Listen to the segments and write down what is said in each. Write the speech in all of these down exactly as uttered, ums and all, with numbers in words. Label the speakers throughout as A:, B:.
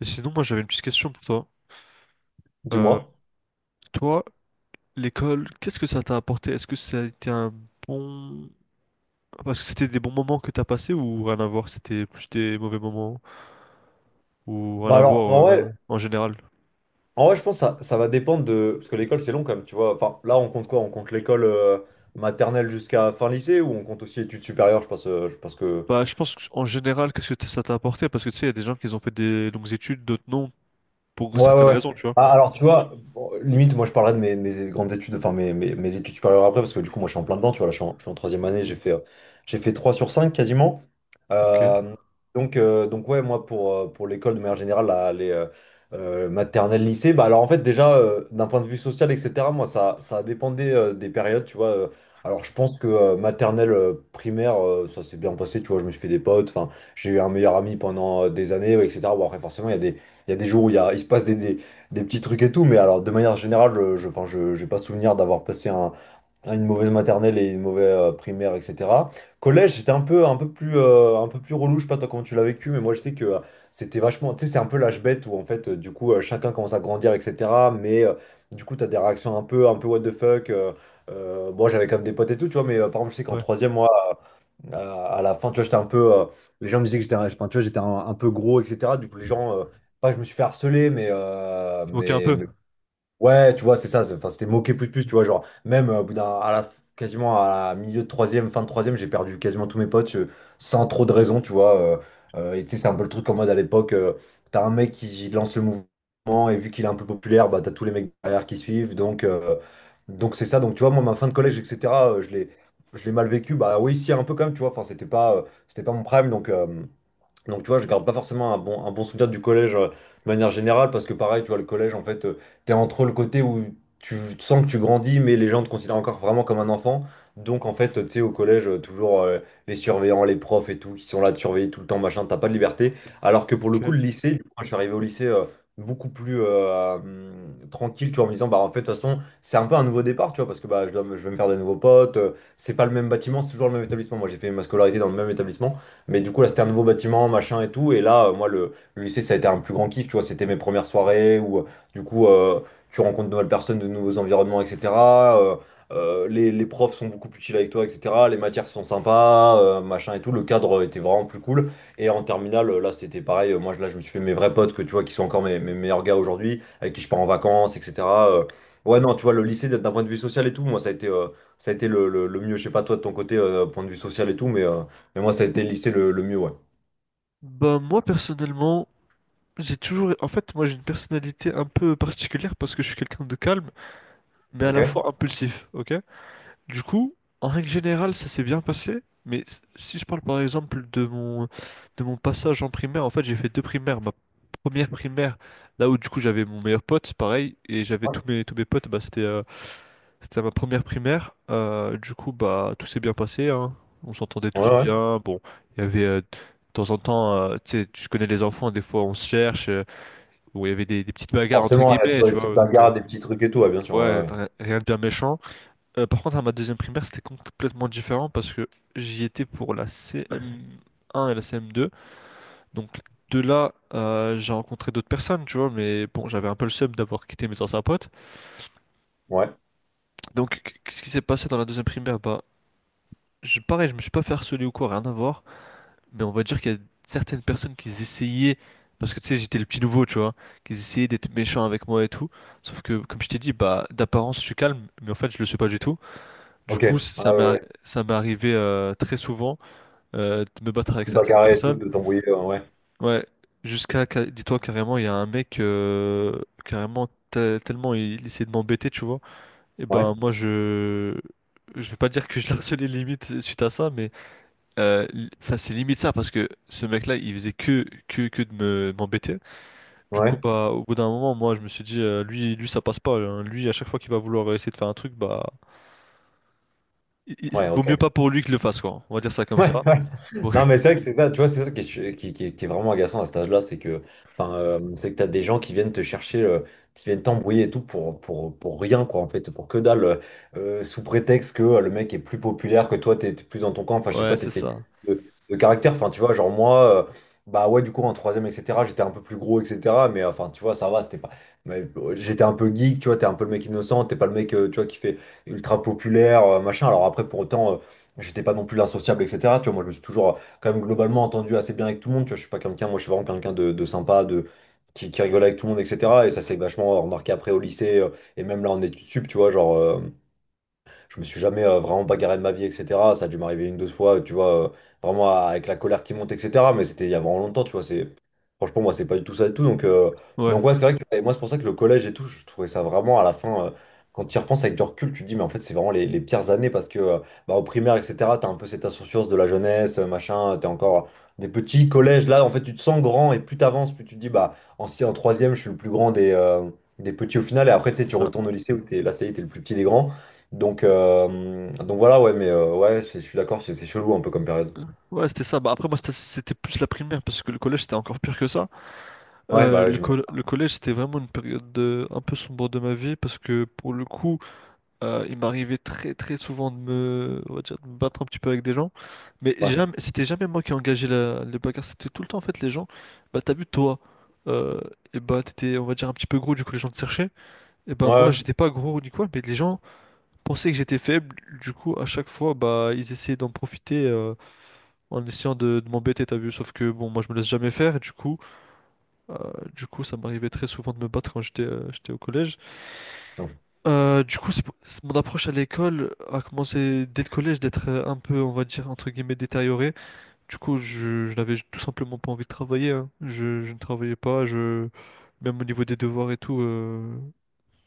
A: Et sinon, moi, j'avais une petite question pour toi. Euh,
B: Dis-moi.
A: toi, l'école, qu'est-ce que ça t'a apporté? Est-ce que ça a été un bon... Parce que c'était des bons moments que t'as passés ou rien à voir? C'était plus des mauvais moments ou rien
B: Bah
A: à
B: alors,
A: voir
B: en
A: euh,
B: vrai,
A: même en général?
B: en vrai, je pense que ça, ça va dépendre de. Parce que l'école, c'est long quand même, tu vois. Enfin, là, on compte quoi? On compte l'école, euh, maternelle jusqu'à fin lycée, ou on compte aussi études supérieures? Je pense, euh, je pense que.
A: Bah, je pense que, en général, qu'est-ce que t- ça t'a apporté? Parce que tu sais, il y a des gens qui ont fait des longues études, d'autres non, pour
B: Ouais, ouais,
A: certaines
B: ouais.
A: raisons, tu vois.
B: Ah, alors, tu vois, bon, limite, moi, je parlerai de mes, mes grandes études, enfin, mes, mes, mes études supérieures après, parce que du coup, moi, je suis en plein dedans, tu vois. Là, je suis en, je suis en troisième année. J'ai fait, euh, j'ai fait trois sur cinq quasiment.
A: Ok,
B: Euh, donc, euh, donc, ouais, moi, pour, euh, pour l'école, de manière générale, la- les euh, euh, maternelles, lycée. Bah, alors, en fait, déjà, euh, d'un point de vue social, et cetera, moi, ça, ça dépendait euh, des périodes, tu vois. euh, alors, je pense que euh, maternelle, euh, primaire, euh, ça s'est bien passé, tu vois, je me suis fait des potes. Enfin, j'ai eu un meilleur ami pendant euh, des années, ouais, et cetera. Bon, après, forcément, il y a des il y a des jours où il, y a, il se passe des, des, des petits trucs et tout. Mais alors, de manière générale, je, je, enfin, je, j'ai pas souvenir d'avoir passé un, une mauvaise maternelle et une mauvaise euh, primaire, et cetera. Collège, c'était un peu, un peu plus, euh, un peu plus relou. Je sais pas toi comment tu l'as vécu, mais moi je sais que euh, c'était vachement, tu sais, c'est un peu l'âge bête où en fait, euh, du coup, euh, chacun commence à grandir, et cetera. Mais euh, du coup, t'as des réactions un peu, un peu what the fuck. Euh, euh, moi j'avais quand même des potes et tout, tu vois. Mais euh, par exemple, je sais qu'en
A: ouais.
B: troisième, moi, à à la fin, tu vois, j'étais un peu. euh, les gens me disaient que j'étais un, enfin, tu vois, j'étais un, un peu gros, et cetera. Du coup, les gens. euh, pas que je me suis fait harceler, mais, euh,
A: Tu moquais un
B: mais,
A: peu.
B: mais Ouais, tu vois, c'est ça. c'est- Enfin, c'était moqué plus de plus, tu vois, genre même euh, au bout d'un, à la, quasiment à la milieu de troisième, fin de troisième, j'ai perdu quasiment tous mes potes euh, sans trop de raison, tu vois. Euh, euh, et tu sais, c'est un peu le truc en mode à l'époque, euh, t'as un mec qui lance le mouvement et vu qu'il est un peu populaire, bah t'as tous les mecs derrière qui suivent. Donc euh, donc c'est ça. Donc tu vois, moi ma fin de collège, et cetera euh, je l'ai je l'ai mal vécu. Bah oui, si un peu quand même, tu vois. Enfin, c'était pas euh, c'était pas mon prime. Donc euh, donc, tu vois, je garde pas forcément un bon, un bon souvenir du collège euh, de manière générale, parce que pareil, tu vois, le collège, en fait, euh, t'es entre le côté où tu sens que tu grandis, mais les gens te considèrent encore vraiment comme un enfant. Donc, en fait, euh, tu sais, au collège, euh, toujours euh, les surveillants, les profs et tout, qui sont là de surveiller tout le temps, machin, t'as pas de liberté. Alors que pour le coup, le
A: Ok.
B: lycée, du coup, moi, je suis arrivé au lycée euh, beaucoup plus euh, hum, tranquille, tu vois, en me disant, bah, en fait, de toute façon, c'est un peu un nouveau départ, tu vois, parce que bah, je dois, me- je vais me faire des nouveaux potes, euh, c'est pas le même bâtiment, c'est toujours le même établissement. Moi, j'ai fait ma scolarité dans le même établissement. Mais du coup, là, c'était un nouveau bâtiment, machin et tout. Et là, euh, moi, le, le lycée, ça a été un plus grand kiff, tu vois. C'était mes premières soirées où, euh, du coup, euh, tu rencontres de nouvelles personnes, de nouveaux environnements, et cetera. Euh, euh, les, les profs sont beaucoup plus chill avec toi, et cetera. Les matières sont sympas, euh, machin et tout. Le cadre était vraiment plus cool. Et en terminale, là, c'était pareil. Moi, je- là, je me suis fait mes vrais potes que tu vois, qui sont encore mes, mes meilleurs gars aujourd'hui, avec qui je pars en vacances, et cetera. Euh, ouais, non, tu vois, le lycée, d'un point de vue social et tout, moi, ça a été, euh, ça a été le, le- le mieux. Je sais pas, toi, de ton côté, euh, point de vue social et tout, mais. euh, mais moi, ça a été le lycée le, le mieux, ouais.
A: Bah, moi, personnellement, j'ai toujours... En fait, moi, j'ai une personnalité un peu particulière parce que je suis quelqu'un de calme, mais à la
B: Ok?
A: fois impulsif, ok? Du coup, en règle générale, ça s'est bien passé, mais s- si je parle par exemple de mon, de mon passage en primaire, en fait, j'ai fait deux primaires. Ma première primaire, là où du coup j'avais mon meilleur pote, pareil, et j'avais
B: Ouais,
A: tous mes, tous mes potes, bah, c'était euh, c'était ma première primaire. Euh, du coup, bah, tout s'est bien passé, hein. On s'entendait
B: ouais,
A: tous
B: ouais.
A: bien. Bon, il y avait euh, de temps en temps, euh, tu sais, tu connais les enfants, des fois on se cherche. Euh, bon, il y avait des, des petites bagarres entre
B: Forcément, il y a
A: guillemets,
B: toujours des
A: tu
B: petites
A: vois, donc
B: bagarres,
A: euh,
B: des petits trucs et tout, ouais, bien sûr.
A: ouais,
B: Ouais,
A: rien rien de bien méchant. Euh, par contre, à ma deuxième primaire, c'était complètement différent parce que j'y étais pour la C M un et la C M deux. Donc de là, euh, j'ai rencontré d'autres personnes, tu vois, mais bon, j'avais un peu le seum d'avoir quitté mes anciens potes.
B: ouais. Ouais.
A: Donc qu- qu'est-ce qui s'est passé dans la deuxième primaire? Bah, je, pareil, je me suis pas fait harceler ou quoi, rien à voir. Mais on va dire qu'il y a certaines personnes qui essayaient, parce que tu sais, j'étais le petit nouveau, tu vois, qui essayaient d'être méchants avec moi et tout. Sauf que, comme je t'ai dit, bah, d'apparence, je suis calme, mais en fait, je le suis pas du tout. Du
B: Ok.
A: coup,
B: Ah,
A: ça m'est,
B: ouais,
A: arri-
B: ouais.
A: ça m'est arrivé euh, très souvent euh, de me battre avec
B: Tout
A: certaines
B: bagarrer et tout,
A: personnes.
B: de t'embrouiller, ouais.
A: Ouais, jusqu'à, ca- dis-toi carrément, il y a un mec, euh, carrément, te- tellement il, il essayait de m'embêter, tu vois. Et
B: Ouais,
A: ben, moi, je. Je vais pas dire que je le harcelais limite suite à ça, mais euh, li- enfin, c'est limite ça parce que ce mec-là, il faisait que, que, que de me, m'embêter.
B: ouais.
A: Du coup,
B: Ouais,
A: bah, au bout d'un moment, moi, je me suis dit, euh, lui, lui, ça passe pas, hein. Lui, à chaque fois qu'il va vouloir essayer de faire un truc, bah, il- il-
B: ouais,
A: vaut mieux
B: ok.
A: pas pour lui que le fasse, quoi. On va dire ça comme
B: Ouais,
A: ça.
B: ouais. Non, mais c'est vrai que c'est ça, tu vois, c'est ça qui est, qui, qui est- qui est vraiment agaçant à cet âge-là, c'est que, enfin, euh, c'est que t'as des gens qui viennent te chercher, euh, qui viennent t'embrouiller et tout pour, pour, pour rien, quoi, en fait, pour que dalle. Euh, euh, sous prétexte que euh, le mec est plus populaire que toi, t'es t'es plus dans ton camp. Enfin, je sais
A: Ouais,
B: pas,
A: c'est
B: t'étais
A: ça.
B: de, de caractère. Enfin, tu vois, genre moi, euh, bah ouais, du coup, en troisième, et cetera, j'étais un peu plus gros, et cetera Mais euh, enfin, tu vois, ça va, c'était pas, mais, euh, j'étais un peu geek, tu vois, t'es un peu le mec innocent, t'es pas le mec, euh, tu vois, qui fait ultra populaire, euh, machin. Alors après, pour autant. euh, J'étais pas non plus l'insociable, et cetera. Tu vois, moi, je me suis toujours, quand même, globalement entendu assez bien avec tout le monde. Tu vois, je suis pas quelqu'un, moi, je suis vraiment quelqu'un de, de sympa, de, qui, qui rigole avec tout le monde, et cetera. Et ça s'est vachement remarqué après au lycée, euh, et même là en études sup, tu vois, genre, euh, je me suis jamais euh, vraiment bagarré de ma vie, et cetera. Ça a dû m'arriver une, deux fois, tu vois, euh, vraiment à- avec la colère qui monte, et cetera. Mais c'était il y a vraiment longtemps, tu vois. C'est. Franchement, moi, c'est pas du tout ça et tout. Donc, euh,
A: Ouais,
B: donc ouais, c'est vrai que et moi, c'est pour ça que le collège et tout, je trouvais ça vraiment à la fin, euh, quand tu y repenses avec du recul, tu te dis, mais en fait, c'est vraiment les, les pires années parce que euh, bah, au primaire, et cetera, t'as un peu cette insouciance de la jeunesse, euh, machin, euh, t'es encore des petits collèges. Là, en fait, tu te sens grand et plus t'avances, plus tu te dis, bah, en, si- en troisième, je suis le plus grand des. euh, des petits au final. Et après tu sais
A: c'est
B: tu
A: ça.
B: retournes au lycée où t'es là ça y est t'es le plus petit des grands. Donc, euh, donc voilà, ouais, mais euh, ouais, c'est- je suis d'accord, c'est c'est chelou un peu comme période.
A: Ouais, c'était ça. Bah, après, moi, c'était c'était plus la primaire parce que le collège, c'était encore pire que ça.
B: Ouais,
A: Euh,
B: bah ouais,
A: le,
B: j'imagine.
A: col- le collège, c'était vraiment une période de- un peu sombre de ma vie parce que pour le coup, euh, il m'arrivait très très souvent de me, on va dire, de me battre un petit peu avec des gens. Mais
B: Ouais,
A: jamais, c'était jamais moi qui engageais la, les bagarres, c'était tout le temps en fait les gens. Bah, t'as vu, toi, euh, et bah, t'étais, on va dire, un petit peu gros, du coup, les gens te cherchaient. Et bah,
B: ouais,
A: moi,
B: ouais,
A: j'étais pas gros ni quoi, mais les gens pensaient que j'étais faible. Du coup, à chaque fois, bah, ils essayaient d'en profiter. Euh, en essayant de, de m'embêter, t'as vu. Sauf que bon, moi je me laisse jamais faire et du coup, euh, du coup, ça m'arrivait très souvent de me battre quand j'étais euh, j'étais au collège.
B: ouais,
A: Euh, du coup, c'est pour- c'est- mon approche à l'école a commencé dès le collège d'être euh, un peu, on va dire, entre guillemets, détériorée. Du coup, je, je n'avais tout simplement pas envie de travailler, hein. Je, je ne travaillais pas, je... même au niveau des devoirs et tout, euh,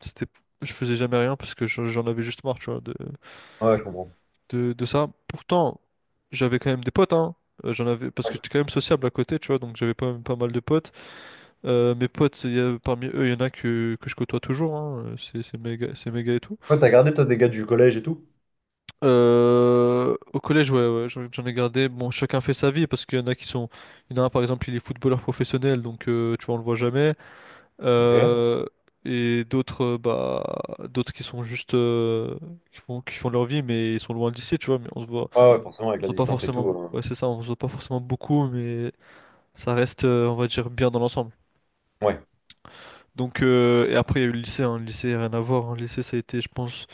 A: c'était... je faisais jamais rien parce que j'en j'en avais juste marre, tu vois, de,
B: ouais, je comprends.
A: de, de ça. Pourtant, j'avais quand même des potes, hein. Euh, j'en avais, parce que
B: Ouais,
A: j'étais quand même sociable à côté, tu vois, donc j'avais pas, pas mal de potes. Euh, mes potes, il y a- parmi eux, il y en a que, que je côtoie toujours, hein. Euh, C'est c'est méga, c'est méga et tout.
B: ouais, t'as gardé toi des gars du collège et tout?
A: Euh, au collège, ouais, ouais, j'en j'en ai gardé. Bon, chacun fait sa vie, parce qu'il y en a qui sont. Il y en a un, par exemple, il est footballeur professionnel, donc euh, tu vois, on le voit jamais.
B: Ok. Ouais,
A: Euh, et d'autres, euh, bah, d'autres qui sont juste. Euh, qui font, qui font leur vie, mais ils sont loin d'ici, tu vois, mais on se voit.
B: ouais, forcément, avec
A: On se
B: la
A: voit pas
B: distance et tout.
A: forcément,
B: euh,
A: ouais, c'est ça, on se voit pas forcément beaucoup, mais ça reste, euh, on va dire, bien dans l'ensemble.
B: Ouais,
A: Donc, euh, et après, il y a eu le lycée, hein. Le lycée, rien à voir, hein. Le lycée, ça a été, je pense,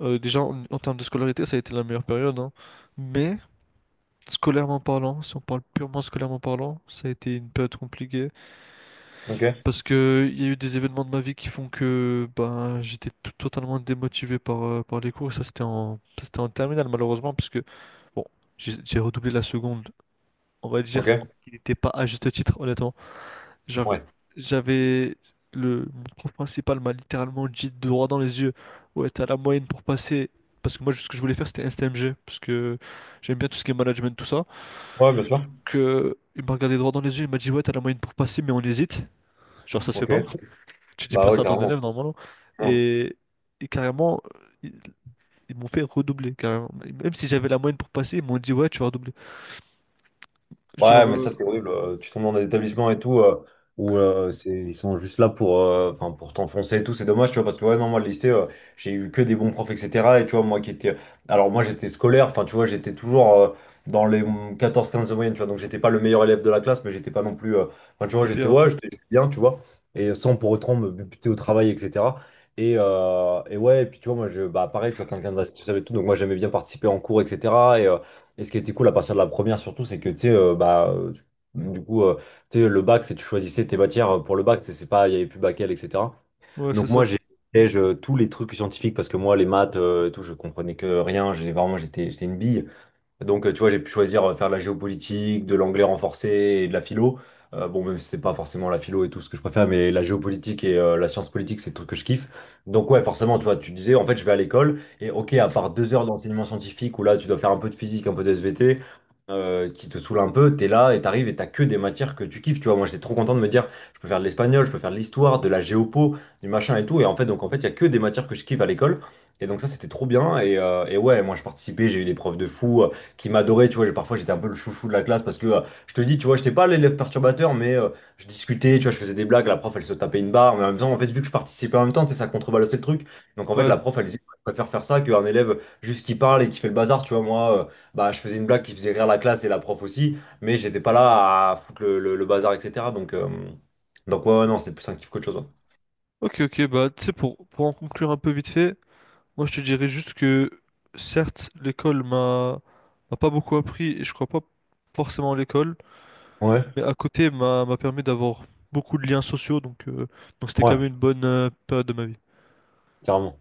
A: euh, déjà en, en termes de scolarité, ça a été la meilleure période, hein. Mais, scolairement parlant, si on parle purement scolairement parlant, ça a été une période compliquée.
B: ok,
A: Parce que il y a eu des événements de ma vie qui font que ben, j'étais tout- totalement démotivé par, euh, par les cours. Et ça, c'était en, ça, c'était en terminale, malheureusement, parce que, bon, j'ai j'ai redoublé la seconde on va dire
B: ok,
A: qu'il n'était pas à juste titre, honnêtement. Genre,
B: ouais.
A: j'avais le mon prof principal m'a littéralement dit droit dans les yeux, ouais, t'as la moyenne pour passer. Parce que moi, ce que je voulais faire, c'était S T M G, parce que j'aime bien tout ce qui est management, tout ça.
B: Ouais, bien sûr.
A: Que il m'a regardé droit dans les yeux, il m'a dit, ouais, t'as la moyenne pour passer, mais on hésite. Genre, ça se fait
B: Ok,
A: pas. Tu dis
B: bah
A: pas
B: ouais,
A: ça à ton
B: clairement.
A: élève, normalement. Et, et carrément, ils, ils m'ont fait redoubler, carrément. Même si j'avais la moyenne pour passer, ils m'ont dit, ouais, tu vas redoubler.
B: Ouais,
A: Genre,
B: mais ça,
A: euh,
B: c'est horrible. Euh, Tu tombes dans des établissements et tout, euh, où euh, c'est, ils sont juste là pour, euh, enfin, pour t'enfoncer et tout. C'est dommage, tu vois, parce que ouais, non, moi, le lycée, euh, j'ai eu que des bons profs, et cetera. Et tu vois, moi qui étais. Alors, moi, j'étais scolaire, enfin, tu vois, j'étais toujours euh, dans les quatorze, quinze de moyenne, tu vois. Donc, j'étais pas le meilleur élève de la classe, mais j'étais pas non plus. euh, Enfin, tu vois,
A: le
B: j'étais,
A: pire.
B: ouais, j'étais bien, tu vois. Et sans pour autant me buter au travail, et cetera. Et, euh, et ouais, et puis tu vois, moi, je, bah, pareil, tu vois, quelqu'un de la situation et tout. Donc, moi, j'aimais bien participer en cours, et cetera. Et ce qui était cool à partir de la première surtout, c'est que tu sais, euh, bah, euh, tu- du coup, euh, tu sais, le bac, c'est tu choisissais tes matières euh, pour le bac, tu sais, c'est pas, il y avait plus bac L, et cetera.
A: Ouais, c'est
B: Donc moi,
A: ça.
B: j'ai j'ai, je- tous les trucs scientifiques, parce que moi, les maths euh, et tout, je comprenais que rien. J'ai vraiment, j'étais, j'étais une bille. Donc, euh, tu vois, j'ai pu choisir euh, faire de la géopolitique, de l'anglais renforcé et de la philo. Euh, bon, même si c'est pas forcément la philo et tout ce que je préfère, mais la géopolitique et euh, la science politique, c'est le truc que je kiffe. Donc, ouais, forcément, tu vois, tu disais, en fait, je vais à l'école et ok, à part deux heures d'enseignement scientifique où là, tu dois faire un peu de physique, un peu de S V T, euh, qui te saoule un peu, t'es là et t'arrives et t'as que des matières que tu kiffes. Tu vois, moi, j'étais trop content de me dire, je peux faire de l'espagnol, je peux faire de l'histoire, de la géopo, du machin et tout. Et en fait, donc, en fait, il y a que des matières que je kiffe à l'école. Et donc, ça, c'était trop bien. Et, euh, et ouais, moi, je participais, j'ai eu des profs de fou qui m'adorait, tu vois. j'ai- parfois j'étais un peu le chouchou de la classe parce que euh, je te dis, tu vois, j'étais pas l'élève perturbateur, mais euh, je discutais, tu vois, je faisais des blagues, la prof elle se tapait une barre, mais en même temps, en fait, vu que je participais en même temps, tu sais, ça contrebalançait le truc. Donc en fait,
A: Ouais.
B: la prof elle disait, je préfère faire ça qu'un élève juste qui parle et qui fait le bazar, tu vois, moi, euh, bah, je faisais une blague qui faisait rire la classe et la prof aussi, mais j'étais pas là à foutre le, le- le bazar, et cetera. Donc, euh, donc ouais, ouais, non, c'était plus un kiff qu'autre chose.
A: Ok, ok, bah tu sais, pour, pour en conclure un peu vite fait, moi je te dirais juste que certes, l'école m'a m'a pas beaucoup appris et je crois pas forcément à l'école,
B: Ouais.
A: mais à côté m'a m'a permis d'avoir beaucoup de liens sociaux, donc euh, donc c'était
B: Ouais,
A: quand
B: ouais,
A: même une bonne euh, période de ma vie.
B: carrément.